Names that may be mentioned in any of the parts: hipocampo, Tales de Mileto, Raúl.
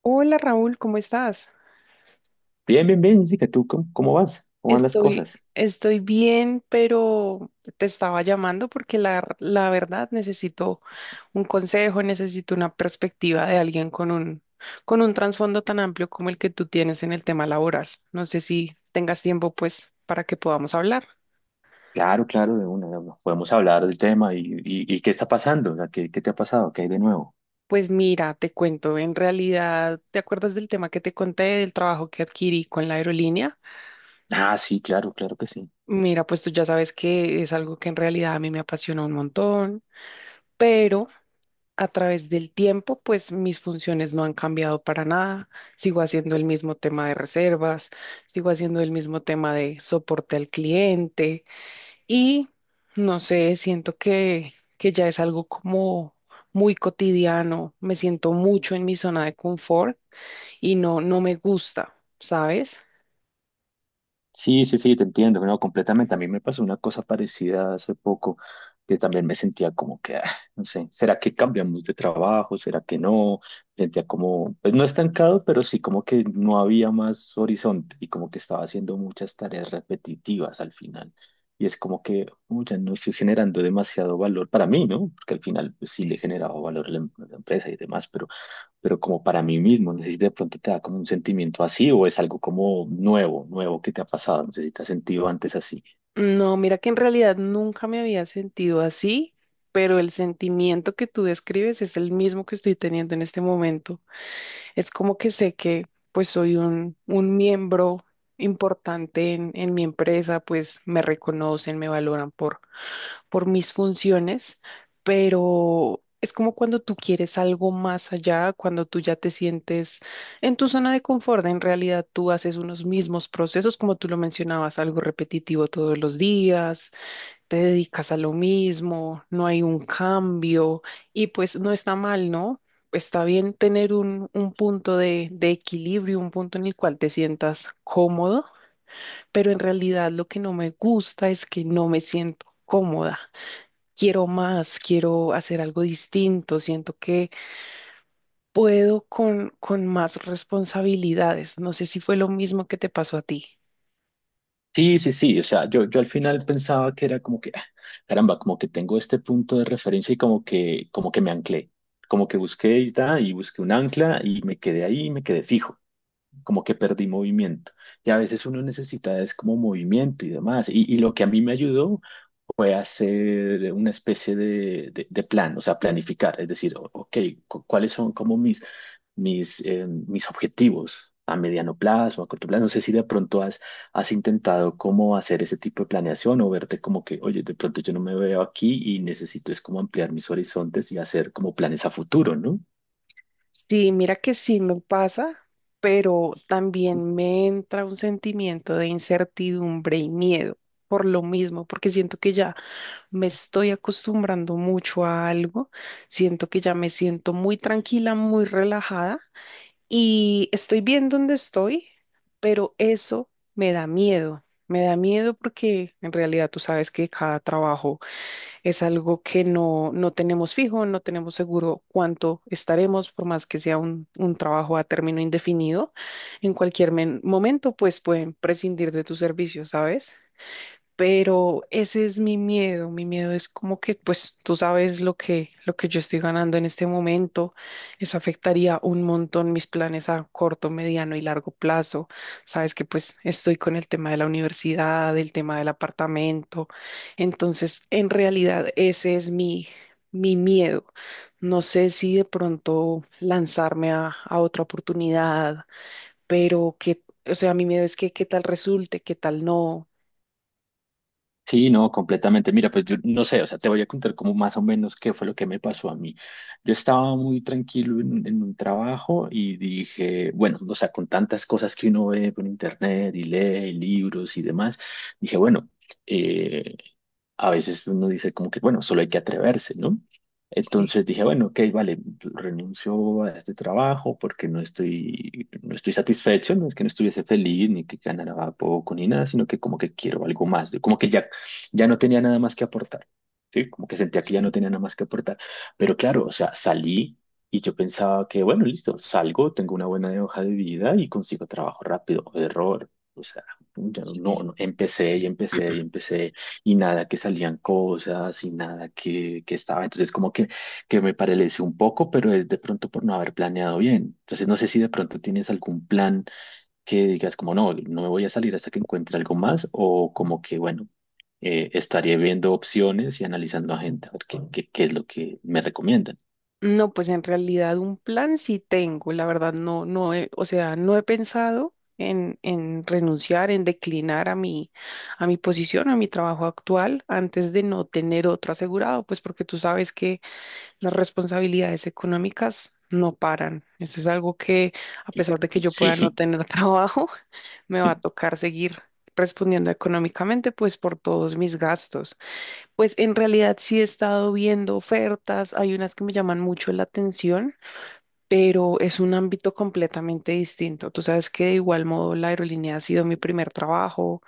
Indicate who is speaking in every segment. Speaker 1: Hola Raúl, ¿cómo estás?
Speaker 2: Bien, bien, bien, Jessica, ¿tú cómo vas? ¿Cómo van las
Speaker 1: Estoy,
Speaker 2: cosas?
Speaker 1: estoy bien, pero te estaba llamando porque la verdad necesito un consejo, necesito una perspectiva de alguien con con un trasfondo tan amplio como el que tú tienes en el tema laboral. No sé si tengas tiempo, pues, para que podamos hablar.
Speaker 2: Claro, claro, de una. Podemos hablar del tema y qué está pasando, o sea, ¿qué te ha pasado? ¿Qué hay de nuevo?
Speaker 1: Pues mira, te cuento, en realidad, ¿te acuerdas del tema que te conté, del trabajo que adquirí con la aerolínea?
Speaker 2: Ah, sí, claro, claro que sí.
Speaker 1: Mira, pues tú ya sabes que es algo que en realidad a mí me apasiona un montón, pero... A través del tiempo, pues mis funciones no han cambiado para nada. Sigo haciendo el mismo tema de reservas, sigo haciendo el mismo tema de soporte al cliente y no sé, siento que ya es algo como muy cotidiano. Me siento mucho en mi zona de confort y no, no me gusta, ¿sabes?
Speaker 2: Sí, sí, sí, te entiendo, no, completamente. A mí me pasó una cosa parecida hace poco, que también me sentía como que, no sé, ¿será que cambiamos de trabajo? ¿Será que no? Sentía como, pues no estancado, pero sí como que no había más horizonte y como que estaba haciendo muchas tareas repetitivas al final. Y es como que, "Oh, ya no estoy generando demasiado valor para mí, ¿no? Porque al final, pues, sí le generaba valor a la empresa y demás, pero como para mí mismo. No sé si de pronto te da como un sentimiento así o es algo como nuevo, nuevo que te ha pasado. No sé si te has sentido antes así.
Speaker 1: No, mira que en realidad nunca me había sentido así, pero el sentimiento que tú describes es el mismo que estoy teniendo en este momento. Es como que sé que pues soy un miembro importante en mi empresa, pues me reconocen, me valoran por mis funciones, pero es como cuando tú quieres algo más allá, cuando tú ya te sientes en tu zona de confort, en realidad tú haces unos mismos procesos, como tú lo mencionabas, algo repetitivo todos los días, te dedicas a lo mismo, no hay un cambio y pues no está mal, ¿no? Está bien tener un punto de equilibrio, un punto en el cual te sientas cómodo, pero en realidad lo que no me gusta es que no me siento cómoda. Quiero más, quiero hacer algo distinto, siento que puedo con más responsabilidades. No sé si fue lo mismo que te pasó a ti.
Speaker 2: Sí, sí, sí. O sea, yo al final pensaba que era como que, caramba, como que tengo este punto de referencia y como que me anclé. Como que busqué y busqué un ancla y me quedé ahí y me quedé fijo. Como que perdí movimiento. Y a veces uno necesita es como movimiento y demás. Y lo que a mí me ayudó fue hacer una especie de, de plan, o sea, planificar, es decir, ok, cuáles son como mis, mis, mis objetivos a mediano plazo, a corto plazo. No sé si de pronto has, has intentado cómo hacer ese tipo de planeación o verte como que, oye, de pronto yo no me veo aquí y necesito es como ampliar mis horizontes y hacer como planes a futuro, ¿no?
Speaker 1: Sí, mira que sí me pasa, pero también me entra un sentimiento de incertidumbre y miedo por lo mismo, porque siento que ya me estoy acostumbrando mucho a algo, siento que ya me siento muy tranquila, muy relajada. Y estoy bien donde estoy, pero eso me da miedo. Me da miedo porque en realidad tú sabes que cada trabajo es algo que no, no tenemos fijo, no tenemos seguro cuánto estaremos, por más que sea un trabajo a término indefinido. En cualquier momento, pues pueden prescindir de tus servicios, ¿sabes? Pero ese es mi miedo. Mi miedo es como que, pues, tú sabes lo que yo estoy ganando en este momento. Eso afectaría un montón mis planes a corto, mediano y largo plazo. Sabes que, pues, estoy con el tema de la universidad, el tema del apartamento. Entonces, en realidad, ese es mi miedo. No sé si de pronto lanzarme a otra oportunidad, pero que, o sea, mi miedo es que qué tal resulte, qué tal no.
Speaker 2: Sí, no, completamente. Mira, pues yo no sé, o sea, te voy a contar como más o menos qué fue lo que me pasó a mí. Yo estaba muy tranquilo en un trabajo y dije, bueno, o sea, con tantas cosas que uno ve por internet y lee y libros y demás, dije, bueno, eh, a veces uno dice como que, bueno, solo hay que atreverse, ¿no?
Speaker 1: Sí,
Speaker 2: Entonces dije, bueno, ok, vale, renuncio a este trabajo porque no estoy satisfecho, no es que no estuviese feliz ni que ganara poco ni nada, sino que como que quiero algo más, como que ya, ya no tenía nada más que aportar, ¿sí? Como que sentía que ya no
Speaker 1: sí.
Speaker 2: tenía nada más que aportar. Pero claro, o sea, salí y yo pensaba que, bueno, listo, salgo, tengo una buena hoja de vida y consigo trabajo rápido. Error. O sea, ya no,
Speaker 1: Sí.
Speaker 2: no, empecé y empecé y empecé y nada que salían cosas y nada que estaba. Entonces como que me paralice un poco, pero es de pronto por no haber planeado bien. Entonces no sé si de pronto tienes algún plan que digas como no me voy a salir hasta que encuentre algo más o como que bueno, estaré viendo opciones y analizando a gente a ver qué es lo que me recomiendan.
Speaker 1: No, pues en realidad un plan sí tengo, la verdad no, o sea, no he pensado en renunciar, en declinar a a mi posición, a mi trabajo actual, antes de no tener otro asegurado, pues porque tú sabes que las responsabilidades económicas no paran. Eso es algo que, a pesar de que yo pueda no
Speaker 2: Sí.
Speaker 1: tener trabajo, me va a tocar seguir respondiendo económicamente, pues por todos mis gastos. Pues en realidad sí he estado viendo ofertas, hay unas que me llaman mucho la atención, pero es un ámbito completamente distinto. Tú sabes que de igual modo la aerolínea ha sido mi primer trabajo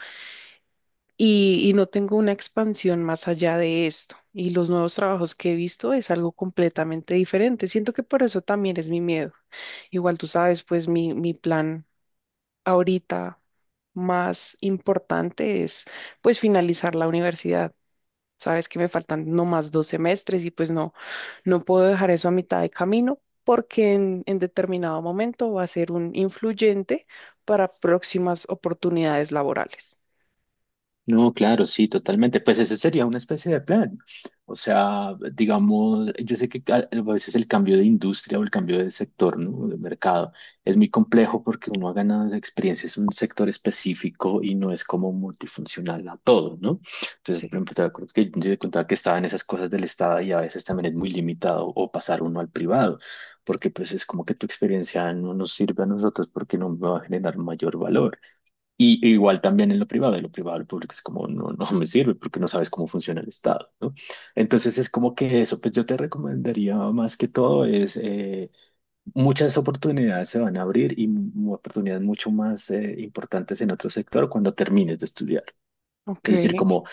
Speaker 1: y no tengo una expansión más allá de esto. Y los nuevos trabajos que he visto es algo completamente diferente. Siento que por eso también es mi miedo. Igual tú sabes, pues mi plan ahorita más importante es pues finalizar la universidad. Sabes que me faltan nomás dos semestres y pues no, no puedo dejar eso a mitad de camino porque en determinado momento va a ser un influyente para próximas oportunidades laborales.
Speaker 2: No, claro, sí, totalmente. Pues ese sería una especie de plan. O sea, digamos, yo sé que a veces el cambio de industria o el cambio de sector, ¿no? De mercado es muy complejo porque uno ha ganado experiencia en un sector específico y no es como multifuncional a todo, ¿no? Entonces,
Speaker 1: Sí,
Speaker 2: por ejemplo, te acuerdas que yo te contaba que estaba en esas cosas del Estado y a veces también es muy limitado o pasar uno al privado, porque pues es como que tu experiencia no nos sirve a nosotros porque no me va a generar mayor valor. E igual también en lo privado, lo público es como, no, no me sirve porque no sabes cómo funciona el Estado, ¿no? Entonces es como que eso, pues yo te recomendaría más que todo es, muchas oportunidades se van a abrir y oportunidades mucho más importantes en otro sector cuando termines de estudiar.
Speaker 1: ok,
Speaker 2: Es decir,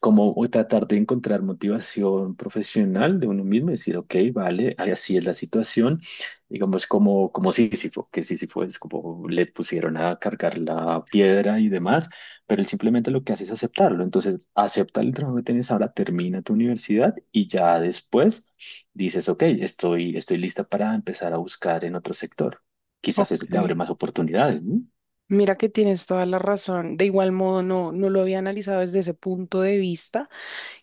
Speaker 2: como tratar de encontrar motivación profesional de uno mismo y decir, ok, vale, así es la situación, digamos como, como Sísifo, que Sísifo es como le pusieron a cargar la piedra y demás, pero él simplemente lo que hace es aceptarlo, entonces acepta el trabajo que tienes ahora, termina tu universidad y ya después dices, ok, estoy lista para empezar a buscar en otro sector. Quizás
Speaker 1: ok.
Speaker 2: eso te abre más oportunidades, ¿no?
Speaker 1: Mira que tienes toda la razón. De igual modo, no, no lo había analizado desde ese punto de vista.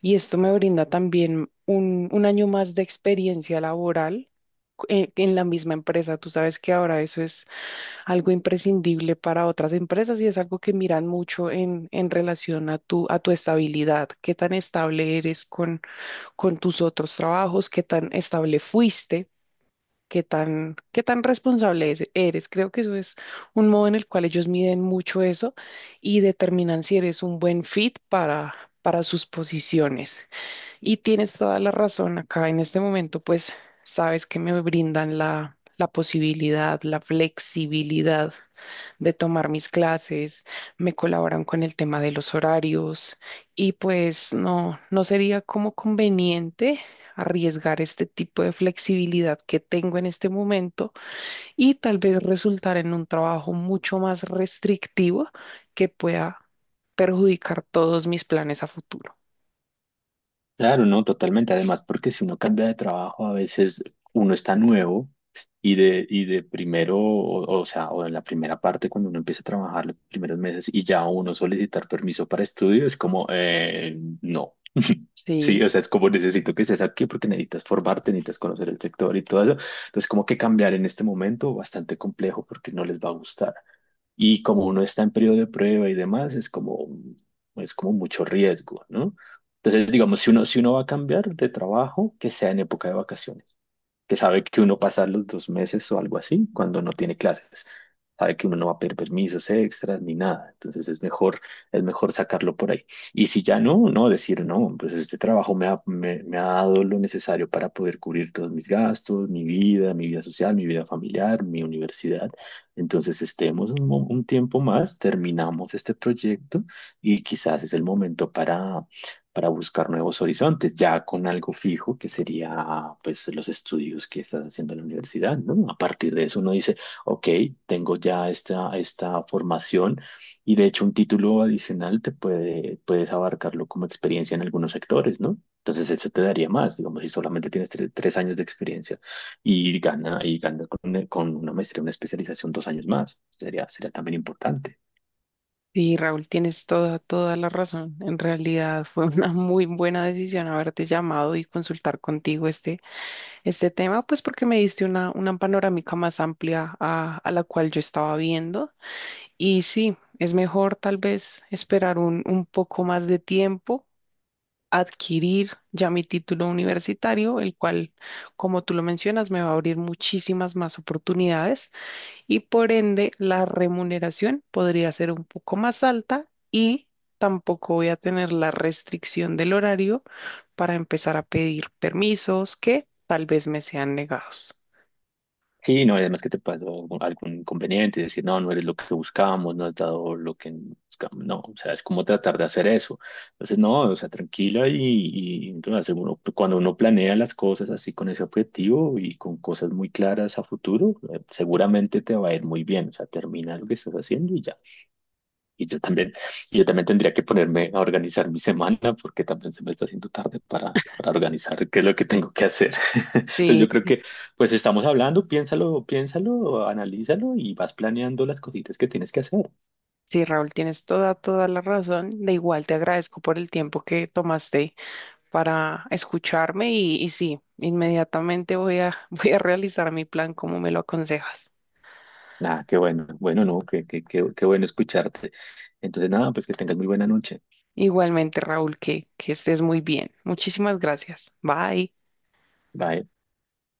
Speaker 1: Y esto me brinda también un año más de experiencia laboral en la misma empresa. Tú sabes que ahora eso es algo imprescindible para otras empresas y es algo que miran mucho en relación a a tu estabilidad, qué tan estable eres con tus otros trabajos, qué tan estable fuiste. Qué tan responsable eres. Creo que eso es un modo en el cual ellos miden mucho eso y determinan si eres un buen fit para sus posiciones. Y tienes toda la razón acá. En este momento, pues, sabes que me brindan la posibilidad, la flexibilidad de tomar mis clases, me colaboran con el tema de los horarios y pues no, no sería como conveniente arriesgar este tipo de flexibilidad que tengo en este momento y tal vez resultar en un trabajo mucho más restrictivo que pueda perjudicar todos mis planes a futuro.
Speaker 2: Claro, no, totalmente. Además, porque si uno cambia de trabajo, a veces uno está nuevo y de primero, o sea, o en la primera parte, cuando uno empieza a trabajar los primeros meses y ya uno solicitar permiso para estudio, es como, no. Sí,
Speaker 1: Sí.
Speaker 2: o sea, es como necesito que estés aquí porque necesitas formarte, necesitas conocer el sector y todo eso. Entonces, como que cambiar en este momento bastante complejo porque no les va a gustar. Y como uno está en periodo de prueba y demás, es como mucho riesgo, ¿no? Entonces, digamos, si uno va a cambiar de trabajo, que sea en época de vacaciones, que sabe que uno pasa los dos meses o algo así cuando no tiene clases, sabe que uno no va a pedir permisos extras ni nada, entonces es mejor sacarlo por ahí. Y si ya no, no decir, no, pues este trabajo me ha dado lo necesario para poder cubrir todos mis gastos, mi vida social, mi vida familiar, mi universidad. Entonces estemos un, un tiempo más, terminamos este proyecto y quizás es el momento para buscar nuevos horizontes, ya con algo fijo que sería pues los estudios que estás haciendo en la universidad, ¿no? A partir de eso uno dice, ok, tengo ya esta formación y de hecho un título adicional te puede, puedes abarcarlo como experiencia en algunos sectores, ¿no? Entonces eso te daría más, digamos, si solamente tienes tres años de experiencia y ganas con una maestría, una especialización, dos años más, sería también importante.
Speaker 1: Sí, Raúl, tienes toda, toda la razón. En realidad fue una muy buena decisión haberte llamado y consultar contigo este tema, pues porque me diste una panorámica más amplia a la cual yo estaba viendo. Y sí, es mejor tal vez esperar un poco más de tiempo, adquirir ya mi título universitario, el cual, como tú lo mencionas, me va a abrir muchísimas más oportunidades y por ende la remuneración podría ser un poco más alta y tampoco voy a tener la restricción del horario para empezar a pedir permisos que tal vez me sean negados.
Speaker 2: Sí, no, y además que te pasó algún inconveniente, decir, no, no eres lo que buscamos, no has dado lo que buscamos, no, o sea, es como tratar de hacer eso. Entonces, no, o sea, tranquila y entonces cuando uno planea las cosas así con ese objetivo y con cosas muy claras a futuro, seguramente te va a ir muy bien, o sea, termina lo que estás haciendo y ya. Y yo también, yo también tendría que ponerme a organizar mi semana porque también se me está haciendo tarde para organizar qué es lo que tengo que hacer. Entonces yo
Speaker 1: Sí,
Speaker 2: creo
Speaker 1: sí,
Speaker 2: que pues estamos hablando, piénsalo, piénsalo, analízalo y vas planeando las cositas que tienes que hacer.
Speaker 1: sí, Raúl, tienes toda, toda la razón. De igual te agradezco por el tiempo que tomaste para escucharme y sí, inmediatamente voy a, voy a realizar mi plan como me lo aconsejas.
Speaker 2: Nada, qué bueno, bueno, no, qué bueno escucharte. Entonces nada, pues que tengas muy buena noche.
Speaker 1: Igualmente, Raúl, que estés muy bien. Muchísimas gracias. Bye.
Speaker 2: Bye.